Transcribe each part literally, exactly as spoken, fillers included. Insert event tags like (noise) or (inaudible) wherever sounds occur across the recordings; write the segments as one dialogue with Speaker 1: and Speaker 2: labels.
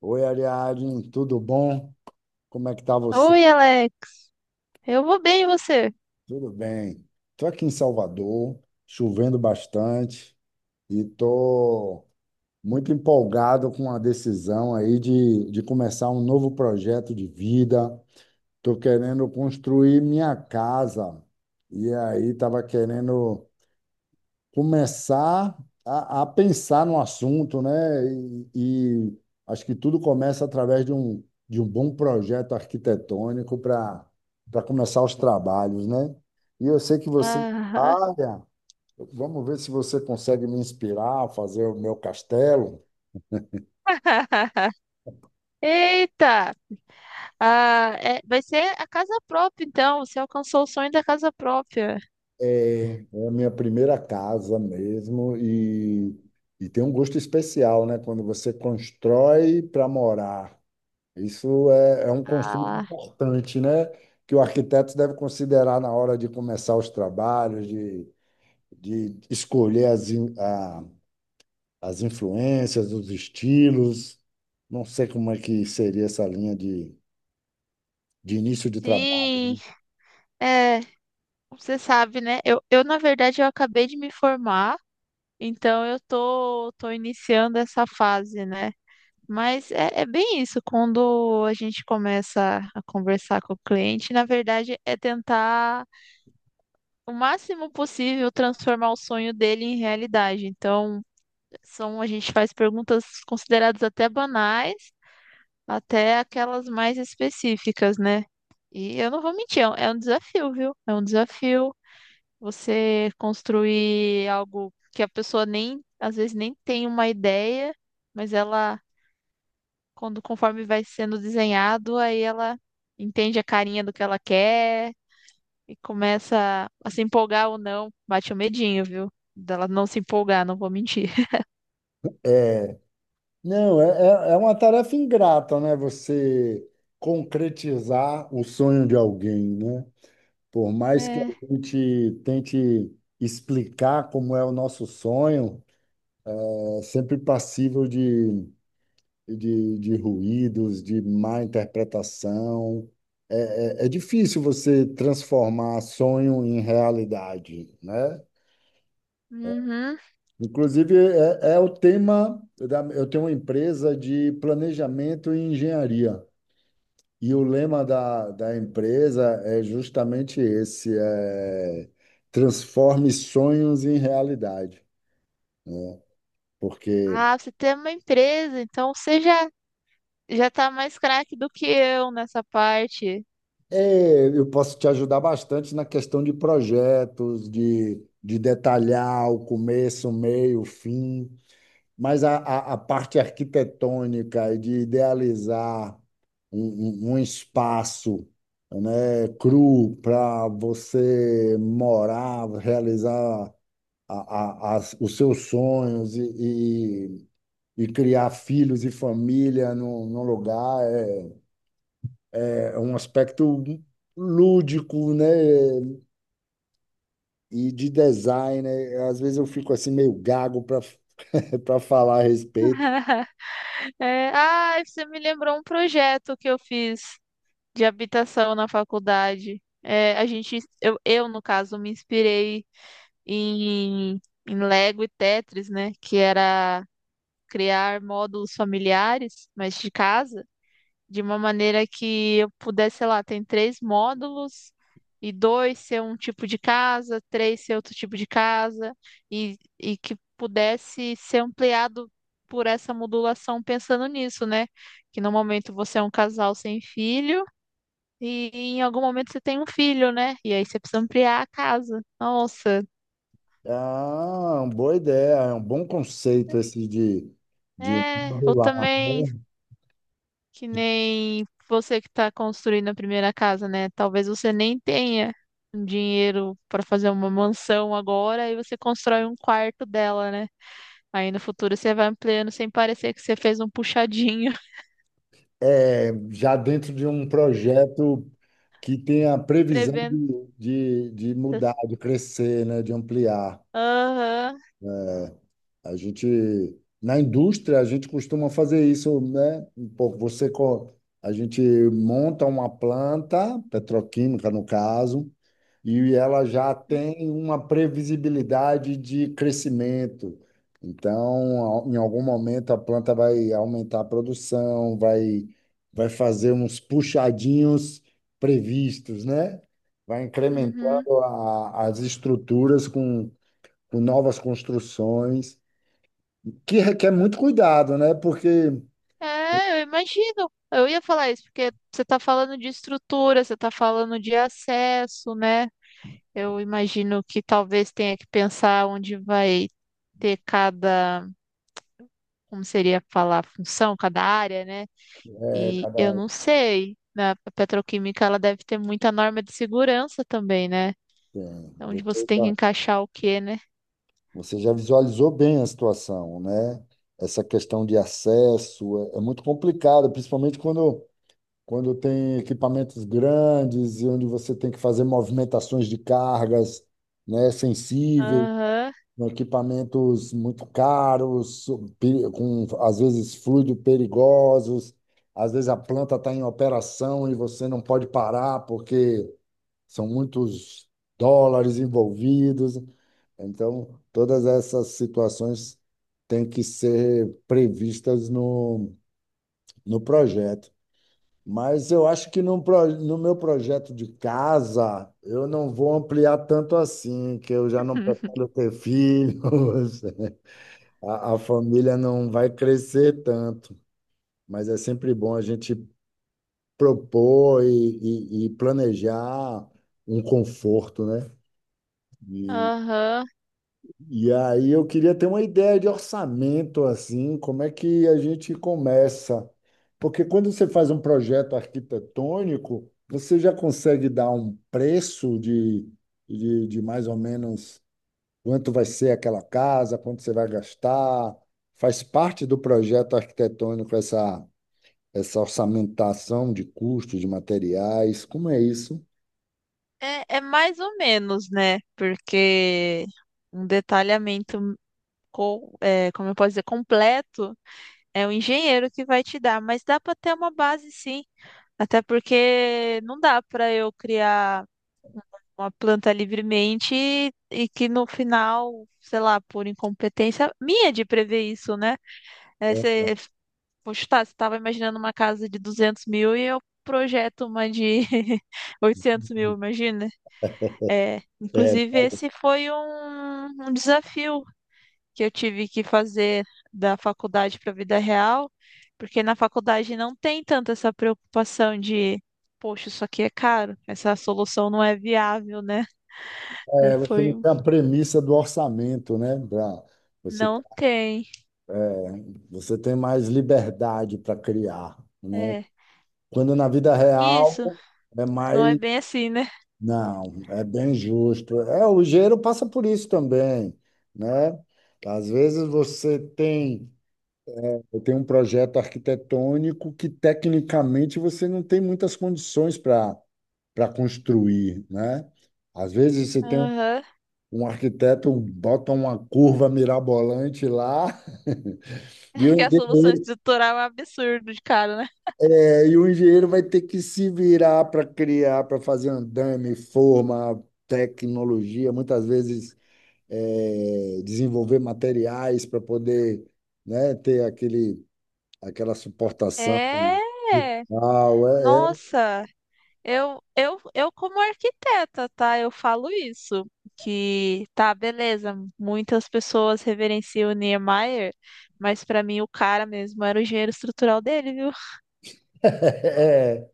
Speaker 1: Oi, Ariadne, tudo bom? Como é que tá você?
Speaker 2: Oi, Alex. Eu vou bem, e você?
Speaker 1: Tudo bem. Estou aqui em Salvador, chovendo bastante e estou muito empolgado com a decisão aí de, de começar um novo projeto de vida. Estou querendo construir minha casa e aí estava querendo começar a, a pensar no assunto, né? E, e acho que tudo começa através de um, de um bom projeto arquitetônico para para começar os trabalhos, né? E eu sei que você,
Speaker 2: Ah,
Speaker 1: olha, vamos ver se você consegue me inspirar a fazer o meu castelo.
Speaker 2: (laughs) eita! Ah, é- vai ser a casa própria, então. Você alcançou o sonho da casa própria.
Speaker 1: É, é a minha primeira casa mesmo e, e tem um gosto especial, né? Quando você constrói para morar. Isso é, é um conceito
Speaker 2: Ah,
Speaker 1: importante, né? Que o arquiteto deve considerar na hora de começar os trabalhos, de, de escolher as, in- a- as influências, os estilos. Não sei como é que seria essa linha de, de início de trabalho,
Speaker 2: sim.
Speaker 1: né?
Speaker 2: É, você sabe, né? Eu, eu, na verdade, eu acabei de me formar, então eu tô, tô iniciando essa fase, né? Mas é, é bem isso, quando a gente começa a conversar com o cliente, na verdade, é tentar o máximo possível transformar o sonho dele em realidade. Então, são, a gente faz perguntas consideradas até banais, até aquelas mais específicas, né? E eu não vou mentir, é um é um desafio, viu? É um desafio você construir algo que a pessoa nem, às vezes nem tem uma ideia, mas ela, quando conforme vai sendo desenhado, aí ela entende a carinha do que ela quer e começa a se empolgar ou não, bate o medinho, viu? Dela não se empolgar, não vou mentir. (laughs)
Speaker 1: Não, é, é é uma tarefa ingrata, né? Você concretizar o sonho de alguém, né? Por mais que a
Speaker 2: É.
Speaker 1: gente tente explicar como é o nosso sonho. É sempre passível de, de, de ruídos, de má interpretação. É, é, é difícil você transformar sonho em realidade, né?
Speaker 2: Uhum.
Speaker 1: Inclusive, é, é o tema da, eu tenho uma empresa de planejamento e engenharia. E o lema da, da empresa é justamente esse, é, transforme sonhos em realidade. Porque
Speaker 2: Ah, você tem uma empresa, então você já, já tá mais craque do que eu nessa parte.
Speaker 1: é, eu posso te ajudar bastante na questão de projetos, de, de detalhar o começo, o meio, o fim, mas a, a, a parte arquitetônica e de idealizar um, um- um espaço, né, cru para você morar, realizar a, a, as- os seus sonhos e, e, e criar filhos e família num, num lugar é é um aspecto lúdico, né? E de design, né? Às vezes eu fico assim meio gago para (laughs) para falar a respeito.
Speaker 2: (laughs) É, ah, você me lembrou um projeto que eu fiz de habitação na faculdade. É, a gente, eu, eu, no caso, me inspirei em, em Lego e Tetris, né? Que era criar módulos familiares, mas de casa. De uma maneira que eu pudesse, sei lá, tem três módulos e dois ser um tipo de casa, três ser outro tipo de casa e, e que pudesse ser ampliado por essa modulação pensando nisso, né? Que no momento você é um casal sem filho e em algum momento você tem um filho, né? E aí você precisa ampliar a casa. Nossa,
Speaker 1: Ah, uma boa ideia, é um bom conceito esse de, de
Speaker 2: é, eu
Speaker 1: modular,
Speaker 2: também
Speaker 1: né?
Speaker 2: que nem você que está construindo a primeira casa, né? Talvez você nem tenha um dinheiro para fazer uma mansão agora e você constrói um quarto dela, né? Aí no futuro você vai ampliando sem parecer que você fez um puxadinho. (laughs)
Speaker 1: É, já dentro de um projeto que tem a previsão
Speaker 2: Prevendo.
Speaker 1: de, de, de mudar, de crescer, né? De ampliar.
Speaker 2: Aham.
Speaker 1: A gente, na indústria, a gente costuma fazer isso, né? Um pouco você, co- a gente monta uma planta, petroquímica no caso, e ela já tem uma previsibilidade de crescimento. Então, ao- em algum momento, a planta vai aumentar a produção, vai, vai fazer uns puxadinhos previstos, né? Vai
Speaker 2: Uhum.
Speaker 1: incrementando a- as estruturas com, com novas construções que requer muito cuidado, né? Porque
Speaker 2: É, eu imagino. Eu ia falar isso, porque você está falando de estrutura, você está falando de acesso, né? Eu imagino que talvez tenha que pensar onde vai ter cada. Como seria falar função, cada área, né?
Speaker 1: é,
Speaker 2: E eu
Speaker 1: cada-
Speaker 2: não sei. Na petroquímica ela deve ter muita norma de segurança também, né?
Speaker 1: bem,
Speaker 2: Onde você
Speaker 1: Você
Speaker 2: tem que
Speaker 1: já,
Speaker 2: encaixar o quê, né?
Speaker 1: você já visualizou bem a situação, né? Essa questão de acesso é, é muito complicada, principalmente quando, quando tem equipamentos grandes e onde você tem que fazer movimentações de cargas, né, sensíveis,
Speaker 2: Aham,
Speaker 1: com equipamentos muito caros, pe- com às vezes fluidos perigosos, às vezes a planta está em operação e você não pode parar porque são muitos dólares envolvidos, então todas essas situações têm que ser previstas no, no projeto. Mas eu acho que no, no meu projeto de casa, eu não vou ampliar tanto assim, que eu já não
Speaker 2: (laughs)
Speaker 1: pretendo ter filhos, (laughs) a, a família não vai crescer tanto. Mas é sempre bom a gente propor e, e e planejar um conforto, né? E
Speaker 2: aham.
Speaker 1: E aí eu queria ter uma ideia de orçamento, assim, como é que a gente começa? Porque quando você faz um projeto arquitetônico, você já consegue dar um preço de, de, de mais ou menos quanto vai ser aquela casa, quanto você vai gastar. Faz parte do projeto arquitetônico essa, essa orçamentação de custos, de materiais. Como é isso?
Speaker 2: É, é mais ou menos, né? Porque um detalhamento, co- é, como eu posso dizer, completo é o engenheiro que vai te dar, mas dá para ter uma base sim. Até porque não dá para eu criar uma planta livremente e, que no final, sei lá, por incompetência minha de prever isso, né? É,
Speaker 1: É,
Speaker 2: você, poxa, tá, você estava imaginando uma casa de duzentos mil e eu projeto uma de (laughs) oitocentos mil, imagina? É,
Speaker 1: é,
Speaker 2: inclusive, esse foi um, um desafio que eu tive que fazer da faculdade para a vida real, porque na faculdade não tem tanto essa preocupação de. Poxa, isso aqui é caro, essa solução não é viável, né? Aí
Speaker 1: é, você não
Speaker 2: foi
Speaker 1: tem a premissa do orçamento, né? Pra, você,
Speaker 2: não tem.
Speaker 1: você tem mais liberdade para criar, né?
Speaker 2: É.
Speaker 1: Quando na vida real
Speaker 2: Isso,
Speaker 1: é
Speaker 2: não é
Speaker 1: mais.
Speaker 2: bem assim, né?
Speaker 1: Não, é bem justo. É, o engenheiro passa por isso também, né? Às vezes você tem, tem um projeto arquitetônico que tecnicamente você não tem muitas condições para para construir, né? Às vezes você tem um
Speaker 2: Aham.
Speaker 1: um arquiteto bota uma curva mirabolante lá. (laughs) E
Speaker 2: É que
Speaker 1: o
Speaker 2: a solução
Speaker 1: engenheiro,
Speaker 2: estrutural é um absurdo de cara, né?
Speaker 1: é, e o engenheiro vai ter que se virar para criar, para fazer andame, forma, tecnologia, muitas vezes é, desenvolver materiais para poder, né, ter aquele, aquela suportação
Speaker 2: É.
Speaker 1: brutal. É,
Speaker 2: Nossa, eu, eu, eu como arquiteta, tá? Eu falo isso, que tá, beleza, muitas pessoas reverenciam o Niemeyer, mas pra mim o cara mesmo era o engenheiro estrutural dele, viu?
Speaker 1: é, (laughs) é.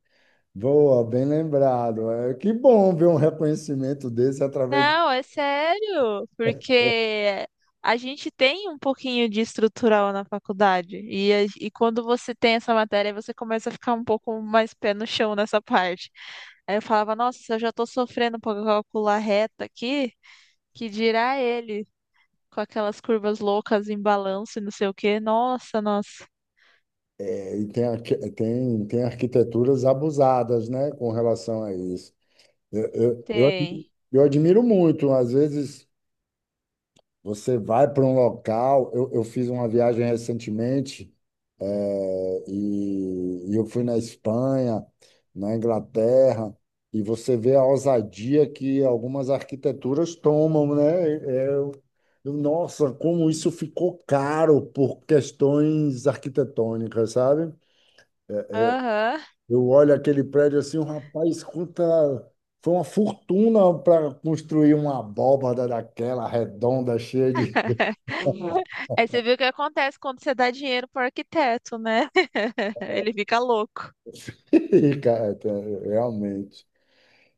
Speaker 1: Boa, bem lembrado. É, que bom ver um reconhecimento desse através.
Speaker 2: Não, é sério, porque a gente tem um pouquinho de estrutural na faculdade, e, a- e quando você tem essa matéria, você começa a ficar um pouco mais pé no chão nessa parte. Aí eu falava, nossa, se eu já tô sofrendo pra calcular reta aqui, que dirá ele, com aquelas curvas loucas em balanço e não sei o quê. Nossa, nossa,
Speaker 1: É, e tem, arqui- tem, tem arquiteturas abusadas, né, com relação a isso. Eu, eu, eu,
Speaker 2: tem.
Speaker 1: eu admiro muito, às vezes você vai para um local, eu, eu fiz uma viagem recentemente, eh, e, e eu fui na Espanha, na Inglaterra, e você vê a ousadia que algumas arquiteturas tomam, né? É, é, Eu, eu, nossa, como isso ficou caro por questões arquitetônicas, sabe?
Speaker 2: Aham.
Speaker 1: Eu olho aquele prédio assim, o rapaz, quanta. Foi uma fortuna para construir uma abóbada daquela redonda, cheia de.
Speaker 2: (laughs) Aí você viu o que acontece quando você dá dinheiro pro arquiteto, né? (laughs) Ele fica louco.
Speaker 1: (laughs) Cara, é, realmente.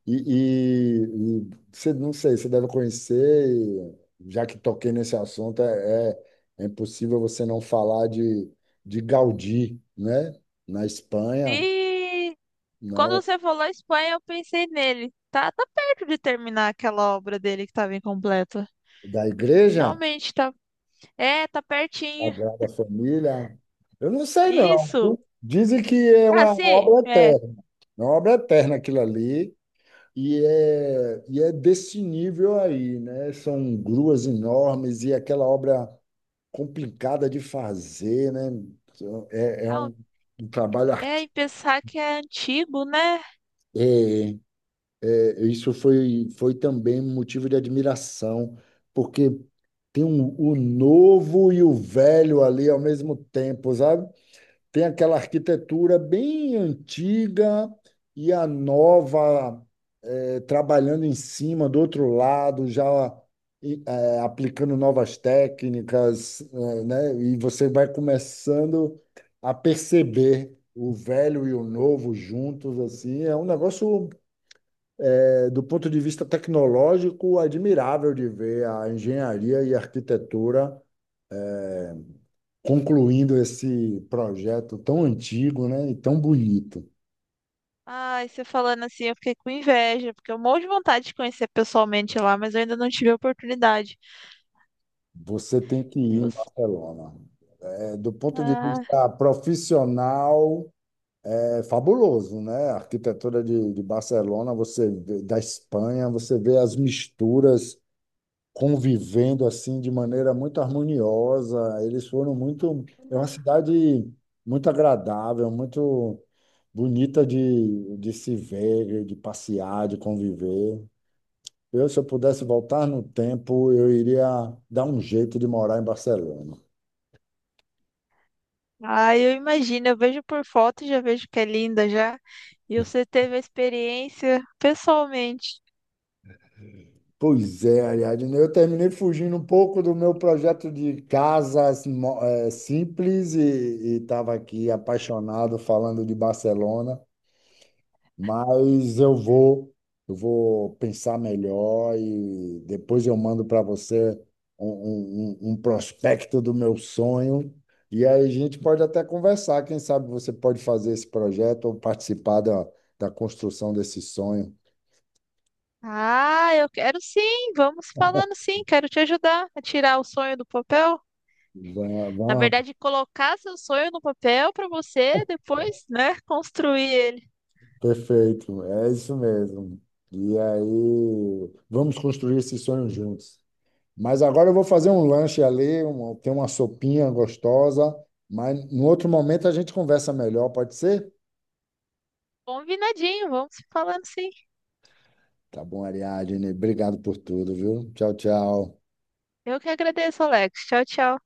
Speaker 1: E, e, e você, não sei, você deve conhecer, e já que toquei nesse assunto, é, é, é impossível você não falar de, de Gaudí, né? Na Espanha,
Speaker 2: Sim! Quando
Speaker 1: não,
Speaker 2: você falou Espanha, eu pensei nele. Tá, tá perto de terminar aquela obra dele que estava incompleta.
Speaker 1: da igreja.
Speaker 2: Finalmente, tá. É, tá pertinho.
Speaker 1: Sagrada Família. Eu não sei, não, viu?
Speaker 2: Isso.
Speaker 1: Dizem que é
Speaker 2: Ah,
Speaker 1: uma
Speaker 2: sim.
Speaker 1: obra
Speaker 2: É.
Speaker 1: eterna. É uma obra eterna aquilo ali. E é, e é desse nível aí, né? São gruas enormes e aquela obra complicada de fazer, né? É, é
Speaker 2: Não,
Speaker 1: um, um trabalho
Speaker 2: é, e
Speaker 1: artístico.
Speaker 2: pensar que é antigo, né?
Speaker 1: É, é, isso foi, foi também motivo de admiração, porque tem um- o novo e o velho ali ao mesmo tempo, sabe? Tem aquela arquitetura bem antiga e a nova, eh, trabalhando em cima do outro lado, já e, eh, aplicando novas técnicas, eh, né? E você vai começando a perceber o velho e o novo juntos, assim, é um negócio, eh, do ponto de vista tecnológico admirável de ver a engenharia e a arquitetura concluindo esse projeto tão antigo, né, e tão bonito.
Speaker 2: Ai, você falando assim, eu fiquei com inveja, porque eu morro de vontade de conhecer pessoalmente lá, mas eu ainda não tive a oportunidade.
Speaker 1: Você tem que
Speaker 2: E
Speaker 1: ir em
Speaker 2: você-
Speaker 1: Barcelona. É, do ponto de
Speaker 2: ah,
Speaker 1: vista profissional, é fabuloso, né? A arquitetura de, de Barcelona, você vê, da Espanha, você vê as misturas convivendo assim de maneira muito harmoniosa. Eles foram muito. É uma cidade muito agradável, muito bonita de, de se ver, de passear, de conviver. Eu, se eu pudesse voltar no tempo, eu iria dar um jeito de morar em Barcelona.
Speaker 2: ah, eu imagino, eu vejo por foto e já vejo que é linda já. E você teve a experiência pessoalmente.
Speaker 1: Pois é, Ariadne, eu terminei fugindo um pouco do meu projeto de casas mo- eh, simples e estava aqui apaixonado falando de Barcelona. Mas eu vou, eu vou pensar melhor e depois eu mando para você um, um, um- um prospecto do meu sonho. E aí a gente pode até conversar. Quem sabe você pode fazer esse projeto ou participar da, da construção desse sonho.
Speaker 2: Ah, eu quero sim, vamos falando sim, quero te ajudar a tirar o sonho do papel.
Speaker 1: Va-
Speaker 2: Na
Speaker 1: Vamos,
Speaker 2: verdade, colocar seu sonho no papel para você depois, né, construir ele.
Speaker 1: perfeito, é isso mesmo. E aí, vamos construir esse sonho juntos. Mas agora eu vou fazer um lanche ali, um, tem uma sopinha gostosa, mas no outro momento a gente conversa melhor, pode ser?
Speaker 2: Combinadinho, vamos falando sim.
Speaker 1: Tá bom, Ariadne. Obrigado por tudo, viu? Tchau, tchau.
Speaker 2: Eu que agradeço, Alex. Tchau, tchau.